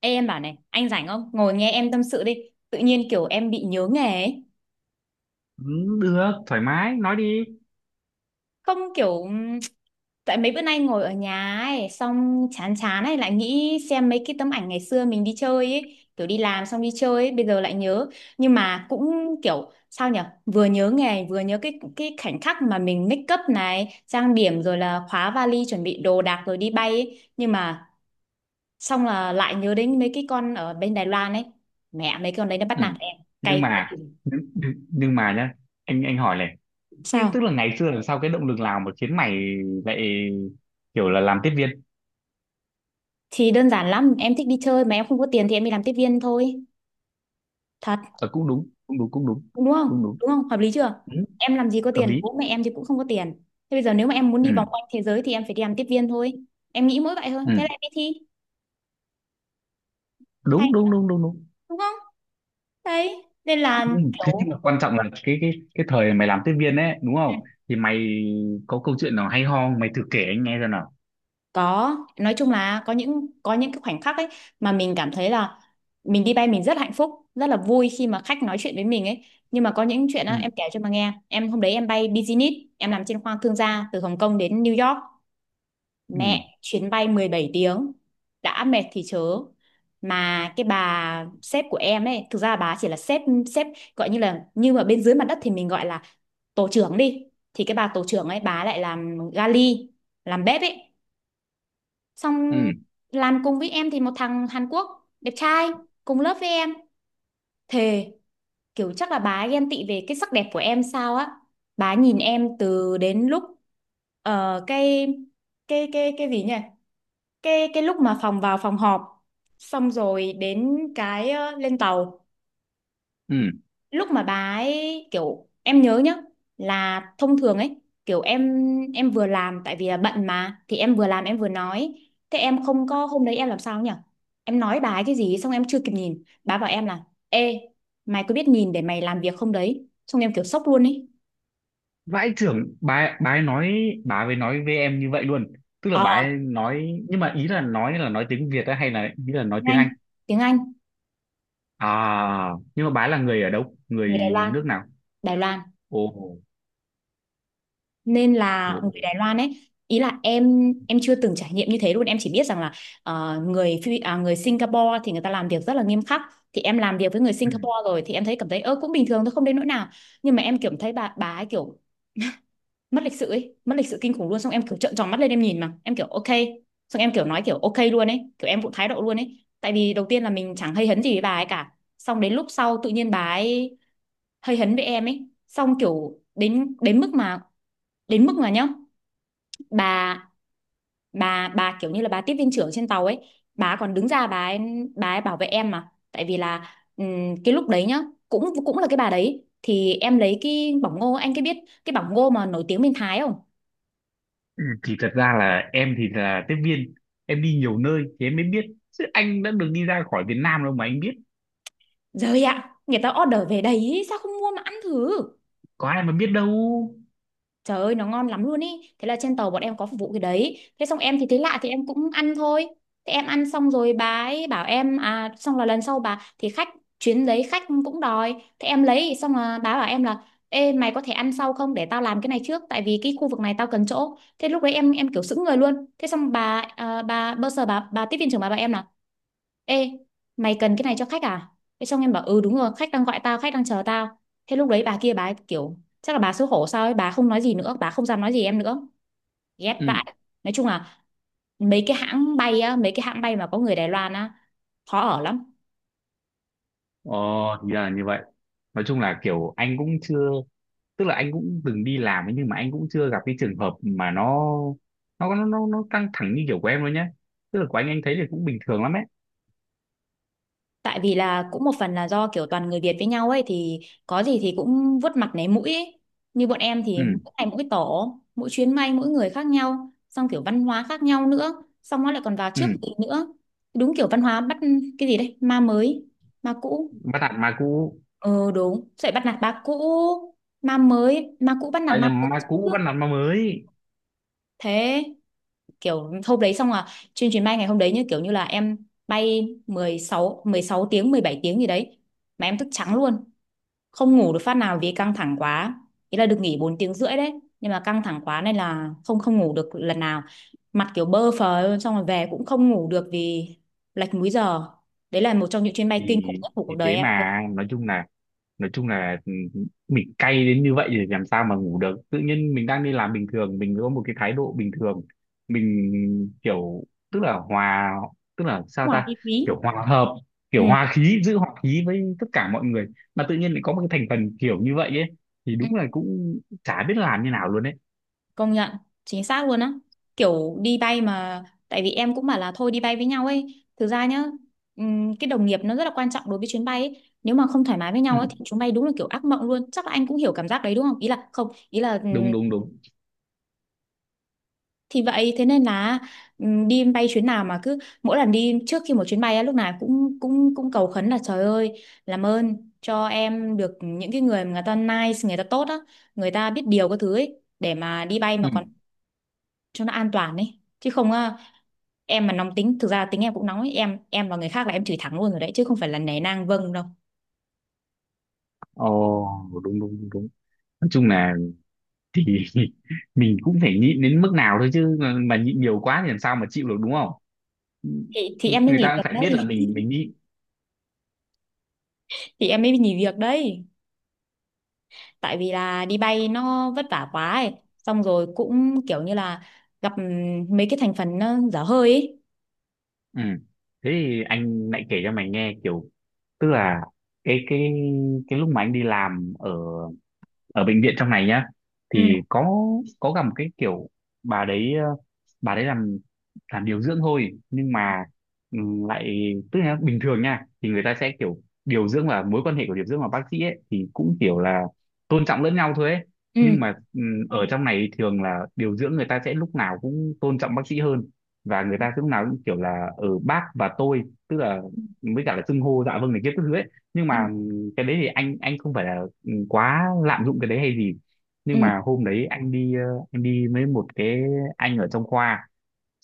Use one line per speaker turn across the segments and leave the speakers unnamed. Ê, em bảo này, anh rảnh không? Ngồi nghe em tâm sự đi. Tự nhiên kiểu em bị nhớ nghề ấy.
Ừ, được thoải mái nói đi
Không kiểu. Tại mấy bữa nay ngồi ở nhà ấy, xong chán chán ấy, lại nghĩ xem mấy cái tấm ảnh ngày xưa mình đi chơi ấy. Kiểu đi làm xong đi chơi ấy, bây giờ lại nhớ. Nhưng mà cũng kiểu, sao nhở. Vừa nhớ nghề, vừa nhớ cái khoảnh khắc mà mình make up này, trang điểm rồi là khóa vali, chuẩn bị đồ đạc rồi đi bay ấy. Nhưng mà xong là lại nhớ đến mấy cái con ở bên Đài Loan ấy. Mẹ, mấy con đấy nó bắt nạt
ừ.
em.
nhưng
Cay phết.
mà nhưng, nhưng mà nhá, anh hỏi này. Nhưng tức
Sao?
là ngày xưa làm sao, cái động lực nào mà khiến mày lại kiểu là làm tiếp viên?
Thì đơn giản lắm, em thích đi chơi mà em không có tiền thì em đi làm tiếp viên thôi. Thật,
Ờ, Cũng đúng, cũng đúng, cũng đúng,
đúng không?
cũng đúng.
Đúng không? Hợp lý chưa?
ừ,
Em làm gì có
Hợp
tiền,
lý.
bố mẹ em thì cũng không có tiền. Thế bây giờ nếu mà em muốn
ừ,
đi vòng quanh thế giới thì em phải đi làm tiếp viên thôi. Em nghĩ mỗi vậy thôi,
ừ.
thế là em đi thi. Hay,
Đúng, đúng, đúng, đúng, đúng.
đúng không? Đấy, nên là
Ừ, thế
kiểu.
nhưng mà quan trọng là cái thời mày làm tiếp viên ấy, đúng không? Thì mày có câu chuyện nào hay ho không? Mày thử kể anh nghe xem nào.
Có, nói chung là có những cái khoảnh khắc ấy mà mình cảm thấy là mình đi bay mình rất hạnh phúc, rất là vui khi mà khách nói chuyện với mình ấy. Nhưng mà có những chuyện á
Ừ,
em kể cho mà nghe. Em hôm đấy em bay business, em làm trên khoang thương gia từ Hồng Kông đến New York.
ừ,
Mẹ, chuyến bay 17 tiếng, đã mệt thì chớ. Mà cái bà sếp của em ấy, thực ra bà chỉ là sếp sếp gọi như là như mà bên dưới mặt đất thì mình gọi là tổ trưởng đi. Thì cái bà tổ trưởng ấy bà lại làm gali, làm bếp ấy, xong
ừ,
làm cùng với em thì một thằng Hàn Quốc đẹp trai cùng lớp với em, thề, kiểu chắc là bà ấy ghen tị về cái sắc đẹp của em sao á, bà nhìn em từ đến lúc ờ, cái cái gì nhỉ, cái lúc mà phòng vào phòng họp, xong rồi đến cái lên tàu,
ừ.
lúc mà bà ấy kiểu em nhớ nhá, là thông thường ấy, kiểu em vừa làm tại vì là bận mà, thì em vừa làm em vừa nói. Thế em không có, hôm đấy em làm sao nhỉ, em nói bà ấy cái gì xong em chưa kịp nhìn, bà bảo em là ê, mày có biết nhìn để mày làm việc không đấy, xong em kiểu sốc luôn ấy.
Vãi chưởng, bà ấy nói, bà ấy nói với em như vậy luôn? Tức là
ờ
bà ấy nói, nhưng mà ý là nói, là nói tiếng Việt á hay là ý là nói
Tiếng
tiếng Anh?
Anh. Tiếng Anh.
À, nhưng mà bà ấy là người ở đâu,
Người Đài
người
Loan.
nước nào?
Đài Loan.
Ồ,
Nên
ồ,
là
ồ.
người Đài Loan ấy, ý là em chưa từng trải nghiệm như thế luôn, em chỉ biết rằng là người Phi- à, người Singapore thì người ta làm việc rất là nghiêm khắc, thì em làm việc với người
Ừ.
Singapore rồi thì em thấy cảm thấy ơ cũng bình thường thôi không đến nỗi nào. Nhưng mà em kiểu thấy bà ấy kiểu mất lịch sự ấy, mất lịch sự kinh khủng luôn, xong em kiểu trợn tròn mắt lên em nhìn mà em kiểu ok, xong em kiểu nói kiểu ok luôn ấy, kiểu em cũng thái độ luôn ấy, tại vì đầu tiên là mình chẳng hay hấn gì với bà ấy cả, xong đến lúc sau tự nhiên bà ấy hơi hấn với em ấy, xong kiểu đến đến mức mà nhá, bà bà kiểu như là bà tiếp viên trưởng trên tàu ấy, bà còn đứng ra, bà ấy bảo vệ em, mà tại vì là cái lúc đấy nhá, cũng cũng là cái bà đấy, thì em lấy cái bỏng ngô, anh cái biết cái bỏng ngô mà nổi tiếng bên Thái không?
Ừ, thì thật ra là em thì là tiếp viên, em đi nhiều nơi thì em mới biết, chứ anh đã được đi ra khỏi Việt Nam đâu mà anh biết.
Rồi ạ, người ta order về đấy sao không mua mà ăn thử.
Có ai mà biết đâu.
Trời ơi nó ngon lắm luôn ý. Thế là trên tàu bọn em có phục vụ cái đấy. Thế xong em thì thấy lạ thì em cũng ăn thôi. Thế em ăn xong rồi bà ấy bảo em. À xong là lần sau bà. Thì khách chuyến đấy khách cũng đòi. Thế em lấy xong là bà bảo em là ê, mày có thể ăn sau không, để tao làm cái này trước, tại vì cái khu vực này tao cần chỗ. Thế lúc đấy em kiểu sững người luôn. Thế xong bà à, bà bơ sờ bà tiếp viên trưởng bà bảo em là ê, mày cần cái này cho khách à? Thế xong em bảo ừ đúng rồi, khách đang gọi tao, khách đang chờ tao. Thế lúc đấy bà kia bà ấy kiểu, chắc là bà xấu hổ sao ấy, bà không nói gì nữa, bà không dám nói gì em nữa. Ghét
ừ
vãi. Nói chung là mấy cái hãng bay á, mấy cái hãng bay mà có người Đài Loan á, khó ở lắm.
ờ, thì ra là như vậy. Nói chung là kiểu anh cũng chưa, tức là anh cũng từng đi làm ấy, nhưng mà anh cũng chưa gặp cái trường hợp mà nó căng thẳng như kiểu của em đâu nhé. Tức là của anh thấy thì cũng bình thường lắm ấy.
Tại vì là cũng một phần là do kiểu toàn người Việt với nhau ấy thì có gì thì cũng vuốt mặt nấy mũi ấy. Như bọn em
Ừ,
thì mỗi ngày mỗi tổ, mỗi chuyến bay mỗi người khác nhau, xong kiểu văn hóa khác nhau nữa, xong nó lại còn vào
ừ.
trước mình nữa. Đúng kiểu văn hóa bắt cái gì đấy, ma mới, ma cũ.
Bắt nạt ma cũ,
Ờ đúng, dạy bắt nạt ba cũ, ma mới, ma cũ bắt nạt
à
ma mới.
nhầm, ma cũ bắt nạt ma mới.
Thế kiểu hôm đấy xong là trên chuyến bay ngày hôm đấy, như kiểu như là em bay 16 tiếng 17 tiếng gì đấy mà em thức trắng luôn, không ngủ được phát nào vì căng thẳng quá. Ý là được nghỉ 4 tiếng rưỡi đấy, nhưng mà căng thẳng quá nên là không không ngủ được lần nào, mặt kiểu bơ phờ luôn, xong rồi về cũng không ngủ được vì lệch múi giờ. Đấy là một trong những chuyến bay kinh
thì
khủng nhất của cuộc
thì
đời
thế
em luôn.
mà, nói chung là, nói chung là, ừ, mình cay đến như vậy thì làm sao mà ngủ được. Tự nhiên mình đang đi làm bình thường, mình có một cái thái độ bình thường, mình kiểu, tức là hòa, tức là sao
Ngoài
ta,
chi phí.
kiểu hòa hợp, kiểu
Ừ,
hòa khí, giữ hòa khí với tất cả mọi người, mà tự nhiên lại có một cái thành phần kiểu như vậy ấy, thì
ừ,
đúng là cũng chả biết làm như nào luôn đấy.
công nhận, chính xác luôn á, kiểu đi bay mà, tại vì em cũng bảo là thôi đi bay với nhau ấy thực ra nhá, cái đồng nghiệp nó rất là quan trọng đối với chuyến bay ấy. Nếu mà không thoải mái với
Ừ,
nhau ấy thì chuyến bay đúng là kiểu ác mộng luôn, chắc là anh cũng hiểu cảm giác đấy đúng không, ý là không, ý là
đúng, đúng, đúng.
thì vậy thế nên là đi bay chuyến nào mà cứ mỗi lần đi trước khi một chuyến bay á lúc nào cũng cũng cũng cầu khấn là trời ơi làm ơn cho em được những cái người mà người ta nice, người ta tốt á, người ta biết điều các thứ ấy để mà đi bay mà
Ừ.
còn cho nó an toàn ấy, chứ không á, em mà nóng tính, thực ra tính em cũng nóng ấy, em và người khác là em chửi thẳng luôn rồi đấy chứ không phải là nể nang vâng đâu.
Ồ, đúng, đúng, đúng, đúng. Nói chung là, thì mình cũng phải nhịn đến mức nào thôi chứ, mà nhịn nhiều quá thì làm sao mà chịu được, đúng không? Ừ.
Thì em mới
Người
nghỉ
ta cũng
việc
phải biết
đấy.
là mình đi.
Thì em mới nghỉ việc đấy, tại vì là đi bay nó vất vả quá ấy. Xong rồi cũng kiểu như là gặp mấy cái thành phần nó dở hơi ấy.
Ừ. Thế thì anh lại kể cho mày nghe kiểu, tức là cái cái cái lúc mà anh đi làm ở, ở bệnh viện trong này nhá,
Ừ,
thì có gặp một cái kiểu bà đấy, bà đấy làm điều dưỡng thôi, nhưng mà ừ, lại tức là bình thường nha thì người ta sẽ kiểu, điều dưỡng và mối quan hệ của điều dưỡng và bác sĩ ấy, thì cũng kiểu là tôn trọng lẫn nhau thôi ấy. Nhưng
ừ,
mà ừ, ở trong này thường là điều dưỡng người ta sẽ lúc nào cũng tôn trọng bác sĩ hơn, và người ta lúc nào cũng kiểu là ở bác và tôi, tức là với cả là xưng hô dạ vâng này kia các thứ ấy. Nhưng
ừ,
mà ừ, cái đấy thì anh không phải là quá lạm dụng cái đấy hay gì.
ừ,
Nhưng mà hôm đấy anh đi anh đi với một cái, anh ở trong khoa,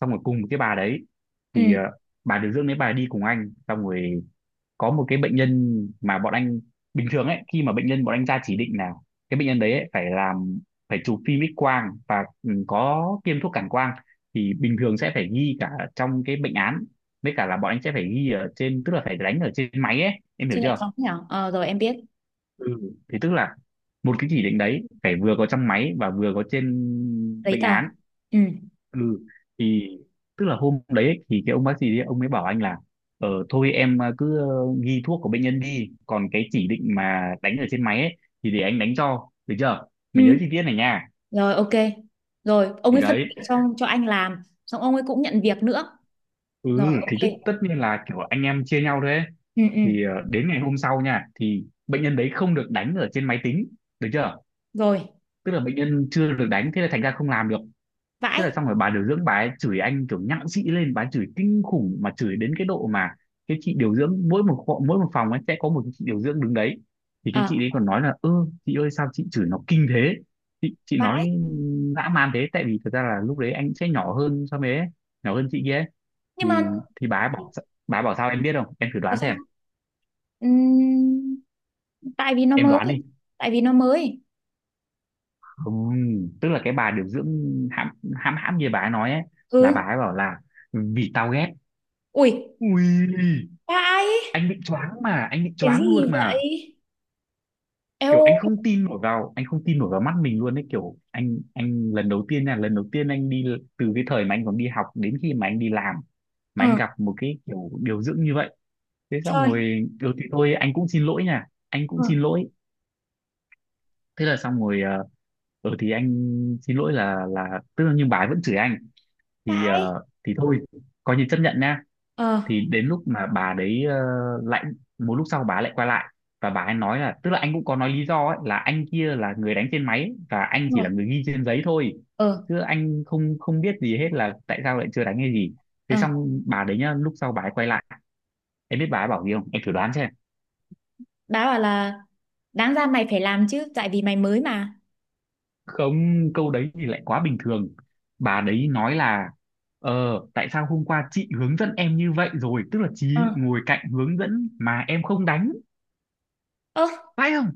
xong rồi cùng một cái bà đấy,
ừ.
thì ờ, bà điều dưỡng đấy bà đi cùng anh, xong rồi có một cái bệnh nhân mà bọn anh, bình thường ấy, khi mà bệnh nhân bọn anh ra chỉ định là cái bệnh nhân đấy ấy, phải làm, phải chụp phim X quang và ừ, có tiêm thuốc cản quang, thì bình thường sẽ phải ghi cả trong cái bệnh án, với cả là bọn anh sẽ phải ghi ở trên, tức là phải đánh ở trên máy ấy, em hiểu
Chứ lại
chưa?
xong thế nào? Ờ, rồi em biết.
Ừ. Thì tức là một cái chỉ định đấy phải vừa có trong máy và vừa có trên
Giấy
bệnh
tờ.
án.
Ừ,
Ừ, thì tức là hôm đấy ấy, thì cái ông bác sĩ đấy, ông ấy bảo anh là, ờ thôi em cứ ghi thuốc của bệnh nhân đi, còn cái chỉ định mà đánh ở trên máy ấy, thì để anh đánh cho, được chưa? Mày nhớ
ừ.
chi tiết này nha.
Rồi, ok. Rồi, ông
Thì
ấy phân
đấy,
việc cho anh làm. Xong ông ấy cũng nhận việc nữa.
ừ,
Rồi,
thì tức
ok.
tất nhiên là kiểu anh em chia nhau đấy.
Ừ, ừ.
Thì ờ, đến ngày hôm sau nha, thì bệnh nhân đấy không được đánh ở trên máy tính, được chưa?
Rồi,
Tức là bệnh nhân chưa được đánh, thế là thành ra không làm được. Thế
vãi.
là xong rồi bà điều dưỡng bà ấy chửi anh kiểu nhặng xị lên, bà ấy chửi kinh khủng, mà chửi đến cái độ mà, cái chị điều dưỡng mỗi một phòng ấy sẽ có một cái chị điều dưỡng đứng đấy, thì cái
Ờ,
chị đấy còn nói là, ơ chị ơi sao chị chửi nó kinh thế, chị
vãi.
nói dã man thế. Tại vì thật ra là lúc đấy anh sẽ nhỏ hơn so với ấy, nhỏ hơn chị kia ấy.
Nhưng mà
thì thì bà ấy bảo, bà ấy bảo sao em biết không, em thử
nói
đoán
sao?
xem.
Ừm, tại vì nó
Em
mới.
đoán đi.
Tại vì nó mới.
Không, tức là cái bà điều dưỡng hãm, hãm như bà ấy nói ấy, là bà
Ừ.
ấy bảo là, vì tao ghét.
Ui,
Ui,
vãi.
anh bị choáng, mà anh bị
Cái
choáng luôn
gì
mà.
vậy? Eo,
Kiểu anh không tin nổi vào, anh không tin nổi vào mắt mình luôn đấy. Kiểu anh lần đầu tiên nha, lần đầu tiên anh đi, từ cái thời mà anh còn đi học đến khi mà anh đi làm, mà anh
ừ,
gặp một cái kiểu điều dưỡng như vậy. Thế xong
trời,
rồi ừ thì thôi anh cũng xin lỗi nha, anh cũng
ừ,
xin lỗi. Thế là xong rồi ờ, ừ thì anh xin lỗi, là tức là, nhưng bà ấy vẫn chửi anh, thì
vãi,
ờ, thì thôi coi như chấp nhận nha.
ờ,
Thì đến lúc mà bà đấy ờ, lại một lúc sau bà lại quay lại, và bà ấy nói là, tức là anh cũng có nói lý do ấy, là anh kia là người đánh trên máy và anh
ừ.
chỉ là người ghi trên giấy thôi,
Ờ,
chứ anh không, không biết gì hết là tại sao lại chưa đánh hay gì. Thế
ờ,
xong bà đấy nhá, lúc sau bà ấy quay lại, em biết bà ấy bảo gì không, em thử đoán xem.
bà bảo là đáng ra mày phải làm chứ, tại vì mày mới mà.
Không, câu đấy thì lại quá bình thường. Bà đấy nói là, ờ tại sao hôm qua chị hướng dẫn em như vậy rồi, tức là chị
Ừ.
ngồi cạnh hướng dẫn mà em không đánh,
Ơ,
phải không?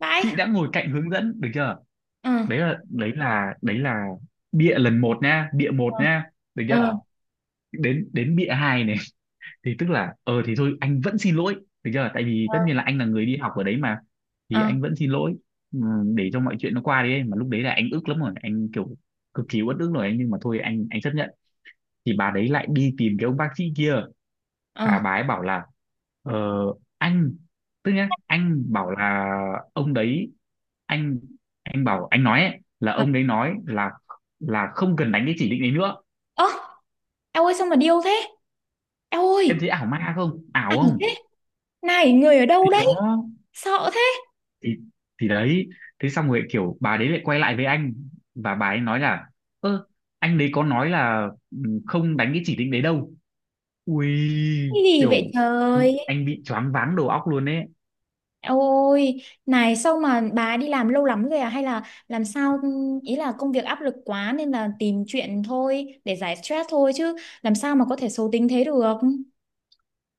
vãi.
Chị đã ngồi cạnh hướng dẫn, được chưa?
Ờ.
Đấy là bịa lần một nha, bịa một
Ừ.
nha, được chưa?
Ừ. Ừ.
Ờ, đến đến bịa hai này. Thì tức là ờ thì thôi anh vẫn xin lỗi, được chưa? Tại vì
Ờ.
tất nhiên là anh là người đi học ở đấy mà, thì
Ờ.
anh vẫn xin lỗi. Ừ, để cho mọi chuyện nó qua đi ấy. Mà lúc đấy là anh ức lắm rồi, anh kiểu cực kỳ uất ức rồi anh, nhưng mà thôi anh chấp nhận. Thì bà đấy lại đi tìm cái ông bác sĩ kia,
Ờ.
và bà ấy bảo là, ờ, anh, tức nhá, anh bảo là ông đấy, anh anh bảo anh nói ấy, là ông đấy nói là không cần đánh cái chỉ định đấy nữa.
Ơ. Eo ơi sao mà điêu thế. Eo
Em
ơi.
thấy ảo ma không, ảo
Ảnh
không?
thế. Này người ở đâu
Thì
đấy.
đó,
Sợ thế.
thì thì đấy. Thế xong rồi kiểu bà đấy lại quay lại với anh, và bà ấy nói là, ơ anh đấy có nói là ừ, không đánh cái chỉ định đấy đâu. Ui,
Cái gì vậy
kiểu
trời.
anh bị choáng váng đầu óc luôn ấy.
Ôi, này sao mà bà đi làm lâu lắm rồi à? Hay là làm sao, ý là công việc áp lực quá nên là tìm chuyện thôi để giải stress thôi, chứ làm sao mà có thể xấu tính thế được?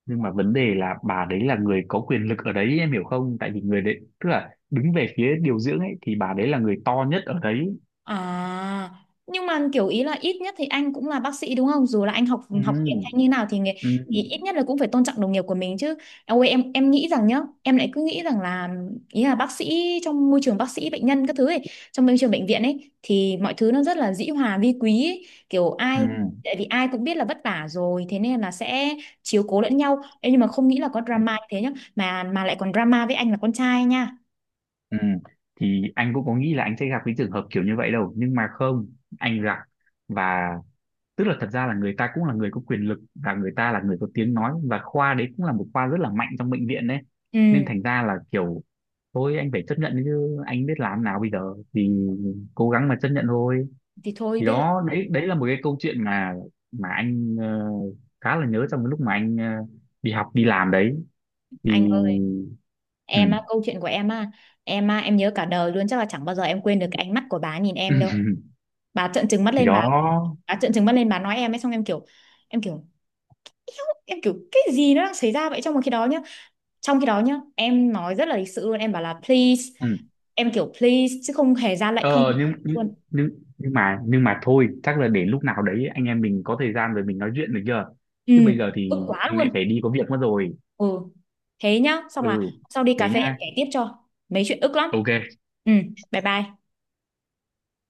Nhưng mà vấn đề là bà đấy là người có quyền lực ở đấy, em hiểu không, tại vì người đấy tức là đứng về phía điều dưỡng ấy, thì bà đấy là người to nhất ở đấy.
À, nhưng mà kiểu ý là ít nhất thì anh cũng là bác sĩ đúng không? Dù là anh học
Ừ,
học tiếng hay như nào thì, nghề-
ừ.
thì ít nhất là cũng phải tôn trọng đồng nghiệp của mình chứ. Ôi em nghĩ rằng nhá, em lại cứ nghĩ rằng là, ý là bác sĩ trong môi trường bác sĩ bệnh nhân các thứ ấy, trong môi trường bệnh viện ấy thì mọi thứ nó rất là dĩ hòa vi quý ấy. Kiểu ai,
ừ
tại vì ai cũng biết là vất vả rồi thế nên là sẽ chiếu cố lẫn nhau. Ê, nhưng mà không nghĩ là có drama như thế nhá, mà lại còn drama với anh là con trai nha.
ừ Thì anh cũng có nghĩ là anh sẽ gặp cái trường hợp kiểu như vậy đâu, nhưng mà không, anh gặp, và tức là thật ra là người ta cũng là người có quyền lực, và người ta là người có tiếng nói, và khoa đấy cũng là một khoa rất là mạnh trong bệnh viện đấy, nên
Ừ,
thành ra là kiểu, thôi anh phải chấp nhận chứ anh biết làm nào bây giờ, thì cố gắng mà chấp nhận thôi.
thì thôi
Thì
biết là.
đó, đấy đấy là một cái câu chuyện mà anh ờ, khá là nhớ trong cái lúc mà anh ờ, đi học đi làm đấy.
Anh
Thì
ơi,
ừ.
em á, câu chuyện của em á, em á, em nhớ cả đời luôn, chắc là chẳng bao giờ em quên được cái ánh mắt của bà nhìn em đâu. Bà trợn trừng mắt
Thì
lên
đó.
bà trợn trừng mắt lên bà nói em ấy, xong em kiểu em kiểu cái gì nó đang xảy ra vậy trong một khi đó nhá. Trong khi đó nhá, em nói rất là lịch sự luôn, em bảo là please,
Ừ.
em kiểu please chứ không hề ra lệnh không
Ờ
luôn.
nhưng nhưng mà thôi, chắc là để lúc nào đấy anh em mình có thời gian rồi mình nói chuyện, được chưa?
Ừ,
Chứ bây giờ
ức
thì
quá
anh lại
luôn.
phải đi có việc mất rồi.
Ừ. Thế nhá, xong là
Ừ,
sau đi cà
thế
phê em
nha.
kể tiếp cho. Mấy chuyện ức lắm.
OK.
Ừ, bye bye.